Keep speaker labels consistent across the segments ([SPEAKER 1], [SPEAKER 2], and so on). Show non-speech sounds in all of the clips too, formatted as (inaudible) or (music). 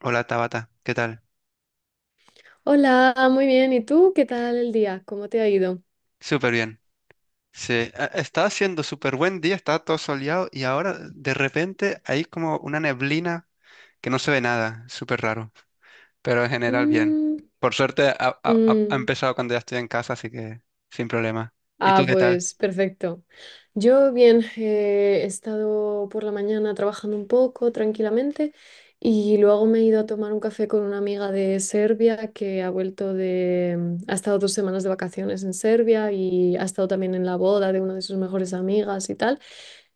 [SPEAKER 1] Hola Tabata, ¿qué tal?
[SPEAKER 2] Hola, muy bien. ¿Y tú? ¿Qué tal el día? ¿Cómo te ha ido?
[SPEAKER 1] Súper bien. Sí, estaba haciendo súper buen día, estaba todo soleado y ahora de repente hay como una neblina que no se ve nada, súper raro, pero en general bien.
[SPEAKER 2] Mm,
[SPEAKER 1] Por suerte ha
[SPEAKER 2] mm.
[SPEAKER 1] empezado cuando ya estoy en casa, así que sin problema. ¿Y
[SPEAKER 2] Ah,
[SPEAKER 1] tú qué tal?
[SPEAKER 2] pues perfecto. Yo bien, he estado por la mañana trabajando un poco tranquilamente y luego me he ido a tomar un café con una amiga de Serbia que ha vuelto ha estado 2 semanas de vacaciones en Serbia y ha estado también en la boda de una de sus mejores amigas y tal.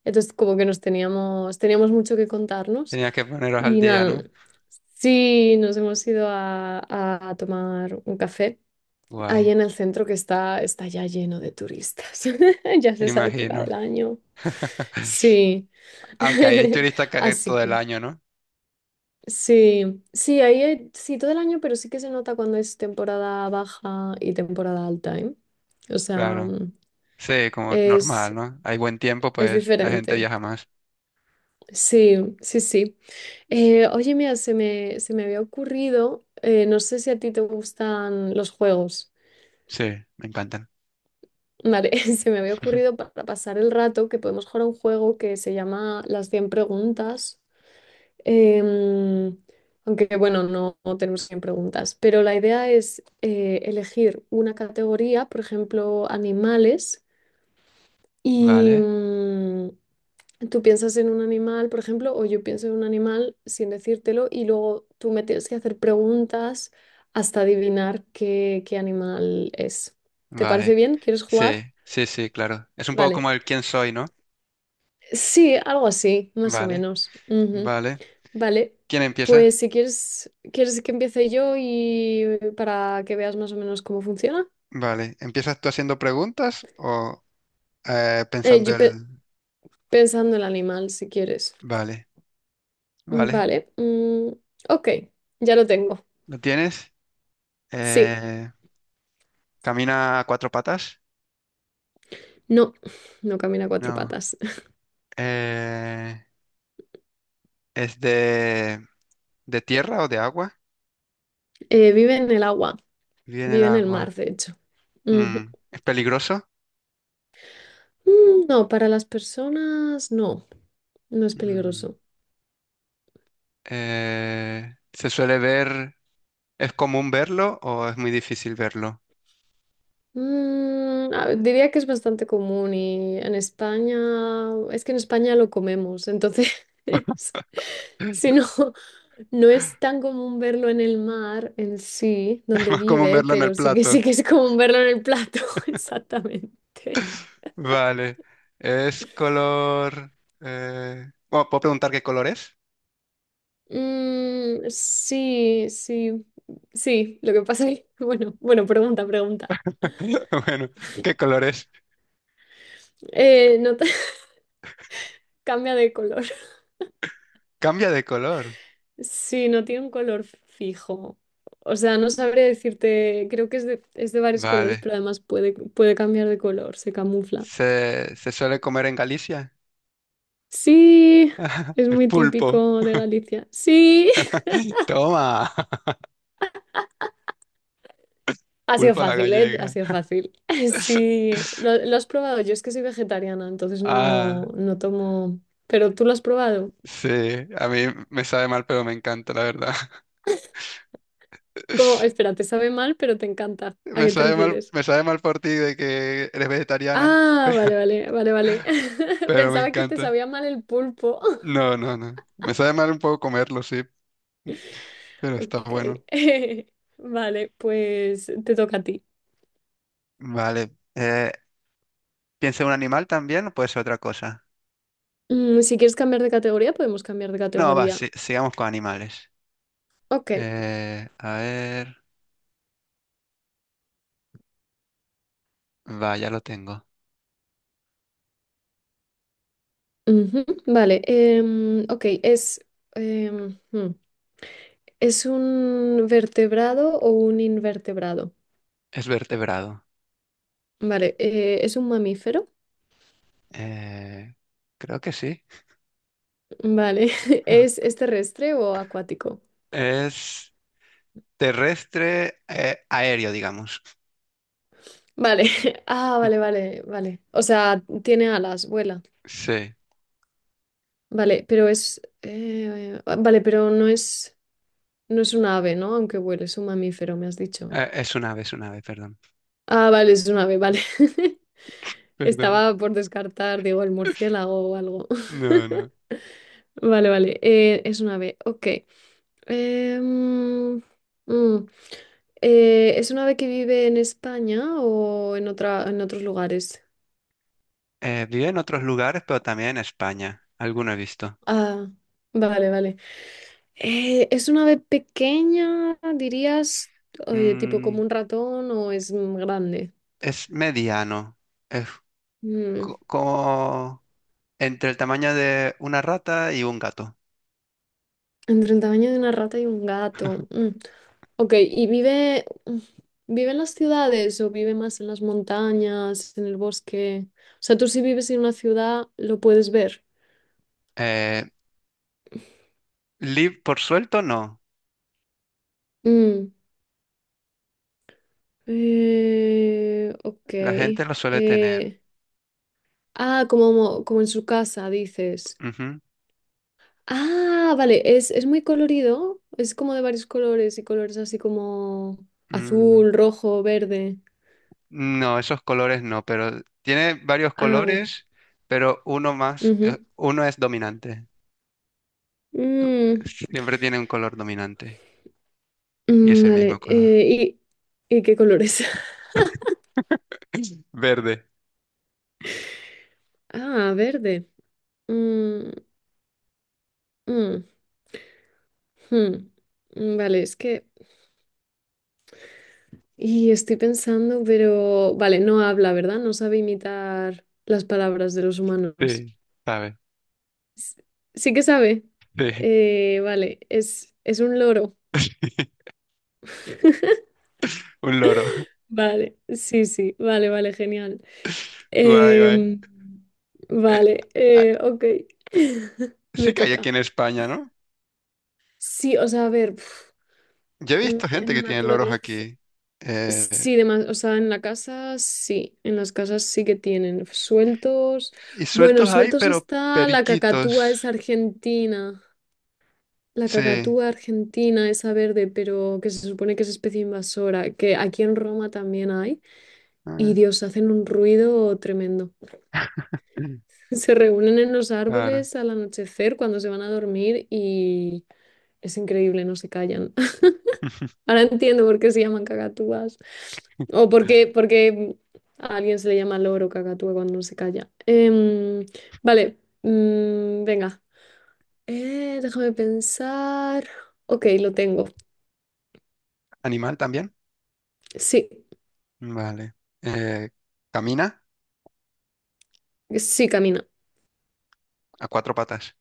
[SPEAKER 2] Entonces, como que nos teníamos mucho que contarnos.
[SPEAKER 1] Tenías que poneros al
[SPEAKER 2] Y
[SPEAKER 1] día,
[SPEAKER 2] nada,
[SPEAKER 1] ¿no?
[SPEAKER 2] sí, nos hemos ido a, tomar un café ahí
[SPEAKER 1] Guay,
[SPEAKER 2] en el centro que está ya lleno de turistas. (laughs) Ya es
[SPEAKER 1] me
[SPEAKER 2] esa época del
[SPEAKER 1] imagino.
[SPEAKER 2] año.
[SPEAKER 1] (laughs)
[SPEAKER 2] Sí.
[SPEAKER 1] Aunque ahí hay
[SPEAKER 2] (laughs) Así
[SPEAKER 1] todo el
[SPEAKER 2] que,
[SPEAKER 1] año, ¿no?
[SPEAKER 2] sí, sí, sí, todo el año, pero sí que se nota cuando es temporada baja y temporada alta, ¿eh? O sea,
[SPEAKER 1] Claro. Sí, como normal,
[SPEAKER 2] es,
[SPEAKER 1] ¿no? Hay buen tiempo,
[SPEAKER 2] es
[SPEAKER 1] pues la gente
[SPEAKER 2] diferente.
[SPEAKER 1] viaja más.
[SPEAKER 2] Sí, sí, sí. Oye, mira, se me había ocurrido, no sé si a ti te gustan los juegos.
[SPEAKER 1] Sí, me encantan.
[SPEAKER 2] Vale, (laughs) se me había ocurrido
[SPEAKER 1] (laughs)
[SPEAKER 2] para pasar el rato que podemos jugar a un juego que se llama Las cien preguntas. Em, aunque bueno, no tenemos 100 preguntas, pero la idea es elegir una categoría, por ejemplo, animales, y,
[SPEAKER 1] Vale.
[SPEAKER 2] tú piensas en un animal, por ejemplo, o yo pienso en un animal sin decírtelo y luego tú me tienes que hacer preguntas hasta adivinar qué animal es. ¿Te parece
[SPEAKER 1] Vale,
[SPEAKER 2] bien? ¿Quieres
[SPEAKER 1] sí,
[SPEAKER 2] jugar?
[SPEAKER 1] sí, sí, claro. Es un poco
[SPEAKER 2] Vale.
[SPEAKER 1] como el quién soy, ¿no?
[SPEAKER 2] Sí, algo así, más o
[SPEAKER 1] Vale,
[SPEAKER 2] menos. Ujú.
[SPEAKER 1] vale.
[SPEAKER 2] Vale.
[SPEAKER 1] ¿Quién empieza?
[SPEAKER 2] Pues si quieres, ¿quieres que empiece yo y para que veas más o menos cómo funciona?
[SPEAKER 1] Vale, ¿empiezas tú haciendo preguntas o
[SPEAKER 2] Eh,
[SPEAKER 1] pensando
[SPEAKER 2] yo
[SPEAKER 1] el...
[SPEAKER 2] pe- pensando el animal, si quieres.
[SPEAKER 1] Vale, vale.
[SPEAKER 2] Vale. Ok, ya lo tengo.
[SPEAKER 1] ¿Lo tienes?
[SPEAKER 2] Sí.
[SPEAKER 1] Eh, ¿Camina a cuatro patas?
[SPEAKER 2] No, no camina a cuatro
[SPEAKER 1] No.
[SPEAKER 2] patas. (laughs)
[SPEAKER 1] Eh, ¿Es de tierra o de agua?
[SPEAKER 2] Vive en el agua,
[SPEAKER 1] Viene el
[SPEAKER 2] vive en el mar,
[SPEAKER 1] agua.
[SPEAKER 2] de hecho.
[SPEAKER 1] Mm,
[SPEAKER 2] Ujú.
[SPEAKER 1] ¿es peligroso?
[SPEAKER 2] No, para las personas no, no es
[SPEAKER 1] Mm,
[SPEAKER 2] peligroso.
[SPEAKER 1] ¿se suele ver? ¿Es común verlo o es muy difícil verlo?
[SPEAKER 2] A ver, diría que es bastante común y en España, es que en España lo comemos, entonces, (laughs) si no, no es tan común verlo en el mar en sí, donde
[SPEAKER 1] Más común
[SPEAKER 2] vive,
[SPEAKER 1] verlo en el
[SPEAKER 2] pero sí que sí
[SPEAKER 1] plato.
[SPEAKER 2] que es común verlo en el plato, (laughs) exactamente.
[SPEAKER 1] Vale. Es color... bueno, ¿puedo preguntar qué color es?
[SPEAKER 2] Mm, sí, sí, sí. Lo que pasa es que, (laughs) bueno, bueno, pregunta, pregunta.
[SPEAKER 1] (laughs) Bueno, ¿qué color es?
[SPEAKER 2] No te- (laughs) cambia de color.
[SPEAKER 1] Cambia de color.
[SPEAKER 2] Sí, no tiene un color fijo. O sea, no sabré decirte, creo que es de varios colores,
[SPEAKER 1] Vale.
[SPEAKER 2] pero además puede cambiar de color, se camufla.
[SPEAKER 1] Se suele comer en Galicia?
[SPEAKER 2] Sí,
[SPEAKER 1] (laughs)
[SPEAKER 2] es
[SPEAKER 1] El
[SPEAKER 2] muy
[SPEAKER 1] pulpo.
[SPEAKER 2] típico de Galicia. Sí, (laughs)
[SPEAKER 1] (laughs) Toma. (laughs)
[SPEAKER 2] ha sido
[SPEAKER 1] Pulpo a la
[SPEAKER 2] fácil, ¿eh? Ha
[SPEAKER 1] gallega.
[SPEAKER 2] sido fácil. (laughs)
[SPEAKER 1] (laughs)
[SPEAKER 2] Sí, lo has probado. Yo es que soy vegetariana, entonces
[SPEAKER 1] Ah,
[SPEAKER 2] no tomo. Pero tú lo has probado.
[SPEAKER 1] sí. A mí me sabe mal, pero me encanta, la verdad.
[SPEAKER 2] Como,
[SPEAKER 1] (laughs)
[SPEAKER 2] espera, te sabe mal, pero te encanta. ¿A qué te refieres?
[SPEAKER 1] Me sabe mal por ti de que eres vegetariana, (laughs)
[SPEAKER 2] Ah, vale, vale, vale, vale. (laughs)
[SPEAKER 1] pero me
[SPEAKER 2] Pensaba que te
[SPEAKER 1] encanta.
[SPEAKER 2] sabía mal el pulpo. (laughs)
[SPEAKER 1] No, no, no. Me sabe mal un poco comerlo, sí, pero está
[SPEAKER 2] Ok.
[SPEAKER 1] bueno.
[SPEAKER 2] (laughs) Vale, pues te toca a ti.
[SPEAKER 1] Vale. ¿Piensa en un animal también o puede ser otra cosa?
[SPEAKER 2] Si quieres cambiar de categoría, podemos cambiar de
[SPEAKER 1] No, va,
[SPEAKER 2] categoría.
[SPEAKER 1] sigamos con animales.
[SPEAKER 2] Ok.
[SPEAKER 1] A ver. Va, ya lo tengo.
[SPEAKER 2] Ujú. Vale. Em, hmm, ¿Es un vertebrado o un invertebrado?
[SPEAKER 1] Es vertebrado.
[SPEAKER 2] Vale, ¿es un mamífero?
[SPEAKER 1] Eh, creo que sí.
[SPEAKER 2] Vale, (laughs) es terrestre o acuático?
[SPEAKER 1] Es terrestre, aéreo, digamos.
[SPEAKER 2] Vale, (laughs) ah, vale,
[SPEAKER 1] (laughs)
[SPEAKER 2] vale, vale. O sea, tiene alas, vuela.
[SPEAKER 1] Sí.
[SPEAKER 2] Vale, pero ah, vale, pero no es un ave, ¿no? Aunque vuele, es un mamífero, me has dicho.
[SPEAKER 1] Es un ave, perdón.
[SPEAKER 2] Ah, vale, es un ave, vale. (laughs)
[SPEAKER 1] Perdón.
[SPEAKER 2] Estaba por descartar, digo, el murciélago o algo.
[SPEAKER 1] No,
[SPEAKER 2] (laughs)
[SPEAKER 1] no.
[SPEAKER 2] Vale, vale, es un ave, ok. Em, mm, ¿Es un ave que vive en España o en en otros lugares?
[SPEAKER 1] Vive en otros lugares, pero también en España. Alguno he visto.
[SPEAKER 2] Ah, vale, vale. ¿Es una ave pequeña, dirías, oye, tipo como
[SPEAKER 1] Mm,
[SPEAKER 2] un ratón o es grande?
[SPEAKER 1] es mediano. Es
[SPEAKER 2] Mm,
[SPEAKER 1] como entre el tamaño de una rata y un gato.
[SPEAKER 2] Entre el tamaño de una rata y un gato.
[SPEAKER 1] (laughs)
[SPEAKER 2] Ok, ¿y vive en las ciudades o vive más en las montañas, en el bosque? O sea, tú si vives en una ciudad, lo puedes ver.
[SPEAKER 1] Eh, lib por suelto, no.
[SPEAKER 2] Mm, ok.
[SPEAKER 1] La gente lo suele tener.
[SPEAKER 2] eh, ah, como en su casa, dices.
[SPEAKER 1] Ujú.
[SPEAKER 2] Ah, vale, es muy colorido, es como de varios colores y colores así como
[SPEAKER 1] Mm,
[SPEAKER 2] azul, rojo, verde.
[SPEAKER 1] no, esos colores no, pero tiene varios
[SPEAKER 2] Ah,
[SPEAKER 1] colores, pero uno más,
[SPEAKER 2] ujú.
[SPEAKER 1] uno es dominante.
[SPEAKER 2] Mm,
[SPEAKER 1] (laughs) Siempre tiene un color dominante y es el mismo
[SPEAKER 2] vale,
[SPEAKER 1] color.
[SPEAKER 2] y qué colores? (laughs)
[SPEAKER 1] Verde,
[SPEAKER 2] Ah, verde. Mm, mm, hmm. Mm, vale, y estoy pensando, pero. Vale, no habla, ¿verdad? No sabe imitar las palabras de los humanos.
[SPEAKER 1] sí, ¿sabes?
[SPEAKER 2] S- Sí que sabe.
[SPEAKER 1] Sí.
[SPEAKER 2] Vale, es un loro.
[SPEAKER 1] (laughs)
[SPEAKER 2] (laughs)
[SPEAKER 1] Un loro.
[SPEAKER 2] Vale, sí, sí, vale, vale, genial.
[SPEAKER 1] Guay, guay.
[SPEAKER 2] Em,
[SPEAKER 1] Eh,
[SPEAKER 2] vale,
[SPEAKER 1] ah,
[SPEAKER 2] ok. (laughs) Me
[SPEAKER 1] sí que hay aquí
[SPEAKER 2] toca.
[SPEAKER 1] en España, ¿no?
[SPEAKER 2] Sí, o sea, a ver,
[SPEAKER 1] Yo he visto
[SPEAKER 2] en
[SPEAKER 1] gente
[SPEAKER 2] la
[SPEAKER 1] que tiene loros
[SPEAKER 2] naturaleza,
[SPEAKER 1] aquí. Eh,
[SPEAKER 2] sí, demás, o sea, en la casa, sí, en las casas sí que tienen sueltos.
[SPEAKER 1] y
[SPEAKER 2] Bueno,
[SPEAKER 1] sueltos hay,
[SPEAKER 2] sueltos
[SPEAKER 1] pero
[SPEAKER 2] está la cacatúa,
[SPEAKER 1] periquitos.
[SPEAKER 2] es argentina. La
[SPEAKER 1] Sí.
[SPEAKER 2] cacatúa argentina, esa verde, pero que se supone que es especie invasora, que aquí en Roma también hay. Y
[SPEAKER 1] Ah,
[SPEAKER 2] Dios, hacen un ruido tremendo.
[SPEAKER 1] (clears throat)
[SPEAKER 2] Se reúnen en los
[SPEAKER 1] claro.
[SPEAKER 2] árboles al anochecer cuando se van a dormir y es increíble, no se callan. (laughs) Ahora entiendo por qué se llaman cacatúas o por qué a alguien se le llama loro cacatúa cuando no se calla. Vale, venga, déjame pensar. Ok, lo tengo.
[SPEAKER 1] ¿Animal también?
[SPEAKER 2] Sí,
[SPEAKER 1] Vale. Eh, camina
[SPEAKER 2] sí, camina.
[SPEAKER 1] a cuatro patas.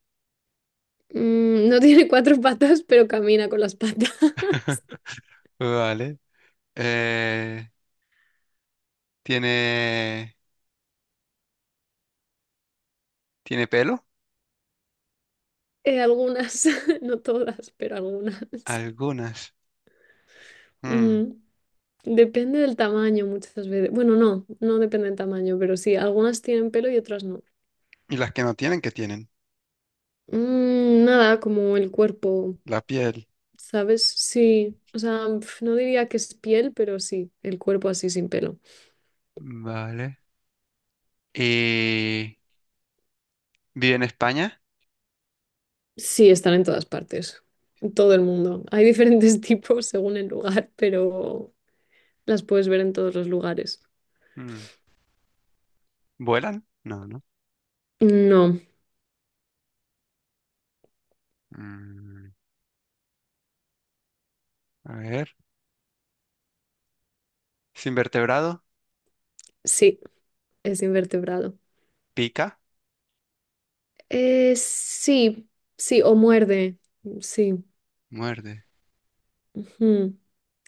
[SPEAKER 2] No (laughs) tiene cuatro patas, pero camina con las patas. (laughs)
[SPEAKER 1] Vale. Eh, ¿tiene, tiene pelo?
[SPEAKER 2] Algunas, (laughs) no todas, pero algunas.
[SPEAKER 1] Algunas. Mm,
[SPEAKER 2] Mm. Depende del tamaño muchas veces. Bueno, no depende del tamaño, pero sí, algunas tienen pelo y otras no.
[SPEAKER 1] ¿y las que no tienen, qué tienen?
[SPEAKER 2] Nada, como el cuerpo,
[SPEAKER 1] La piel.
[SPEAKER 2] ¿sabes? Sí, o sea, no diría que es piel, pero sí, el cuerpo así sin pelo.
[SPEAKER 1] Vale. ¿Y vive en España?
[SPEAKER 2] Sí, están en todas partes, en todo el mundo. Hay diferentes (laughs) tipos según el lugar, pero las puedes ver en todos los lugares.
[SPEAKER 1] Mm, ¿vuelan? No, no.
[SPEAKER 2] No,
[SPEAKER 1] Mm, a ver. ¿Sin vertebrado?
[SPEAKER 2] sí, es invertebrado.
[SPEAKER 1] ¿Pica?
[SPEAKER 2] Sí, sí, o muerde, sí.
[SPEAKER 1] Muerde.
[SPEAKER 2] Ujú.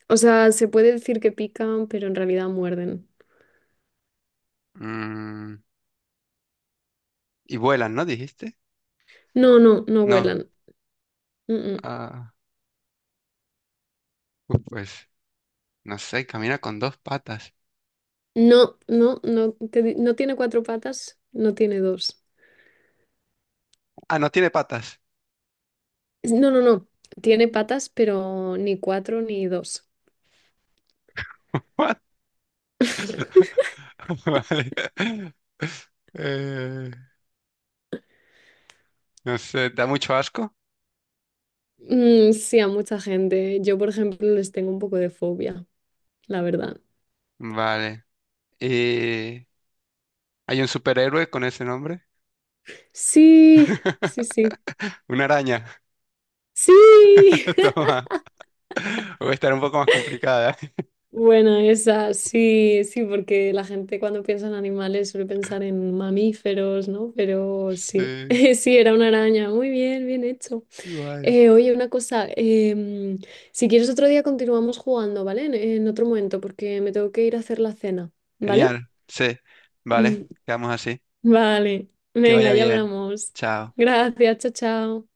[SPEAKER 2] O sea, se puede decir que pican, pero en realidad muerden.
[SPEAKER 1] Mm, y vuelan, ¿no? ¿Dijiste?
[SPEAKER 2] No, no, no
[SPEAKER 1] No.
[SPEAKER 2] vuelan. Mm, mm.
[SPEAKER 1] Ah, pues, no sé, camina con dos patas.
[SPEAKER 2] No, no, no, no tiene cuatro patas, no tiene dos.
[SPEAKER 1] Ah, no tiene patas.
[SPEAKER 2] No, no, no. Tiene patas, pero ni cuatro ni dos.
[SPEAKER 1] What? (laughs)
[SPEAKER 2] (laughs)
[SPEAKER 1] Vale. Eh, no sé, da mucho asco.
[SPEAKER 2] Mm, sí, a mucha gente. Yo, por ejemplo, les tengo un poco de fobia, la verdad.
[SPEAKER 1] Vale. Eh, ¿Hay un superhéroe con ese nombre?
[SPEAKER 2] Sí, sí, sí.
[SPEAKER 1] (laughs) Una araña.
[SPEAKER 2] Sí.
[SPEAKER 1] (laughs) Toma. Voy a estar un poco más complicada. (laughs)
[SPEAKER 2] Bueno, esa sí, sí, porque la gente cuando piensa en animales suele pensar en mamíferos, ¿no? Pero sí,
[SPEAKER 1] Sí,
[SPEAKER 2] (laughs) sí, era una araña. Muy bien, bien hecho.
[SPEAKER 1] guay.
[SPEAKER 2] Oye, una cosa, em, si quieres otro día continuamos jugando, ¿vale? En otro momento, porque me tengo que ir a hacer la cena, ¿vale?
[SPEAKER 1] Genial. Sí. Vale,
[SPEAKER 2] (laughs)
[SPEAKER 1] quedamos así.
[SPEAKER 2] Vale,
[SPEAKER 1] Que vaya
[SPEAKER 2] venga, ya
[SPEAKER 1] bien.
[SPEAKER 2] hablamos.
[SPEAKER 1] Chao.
[SPEAKER 2] Gracias, chao, chao.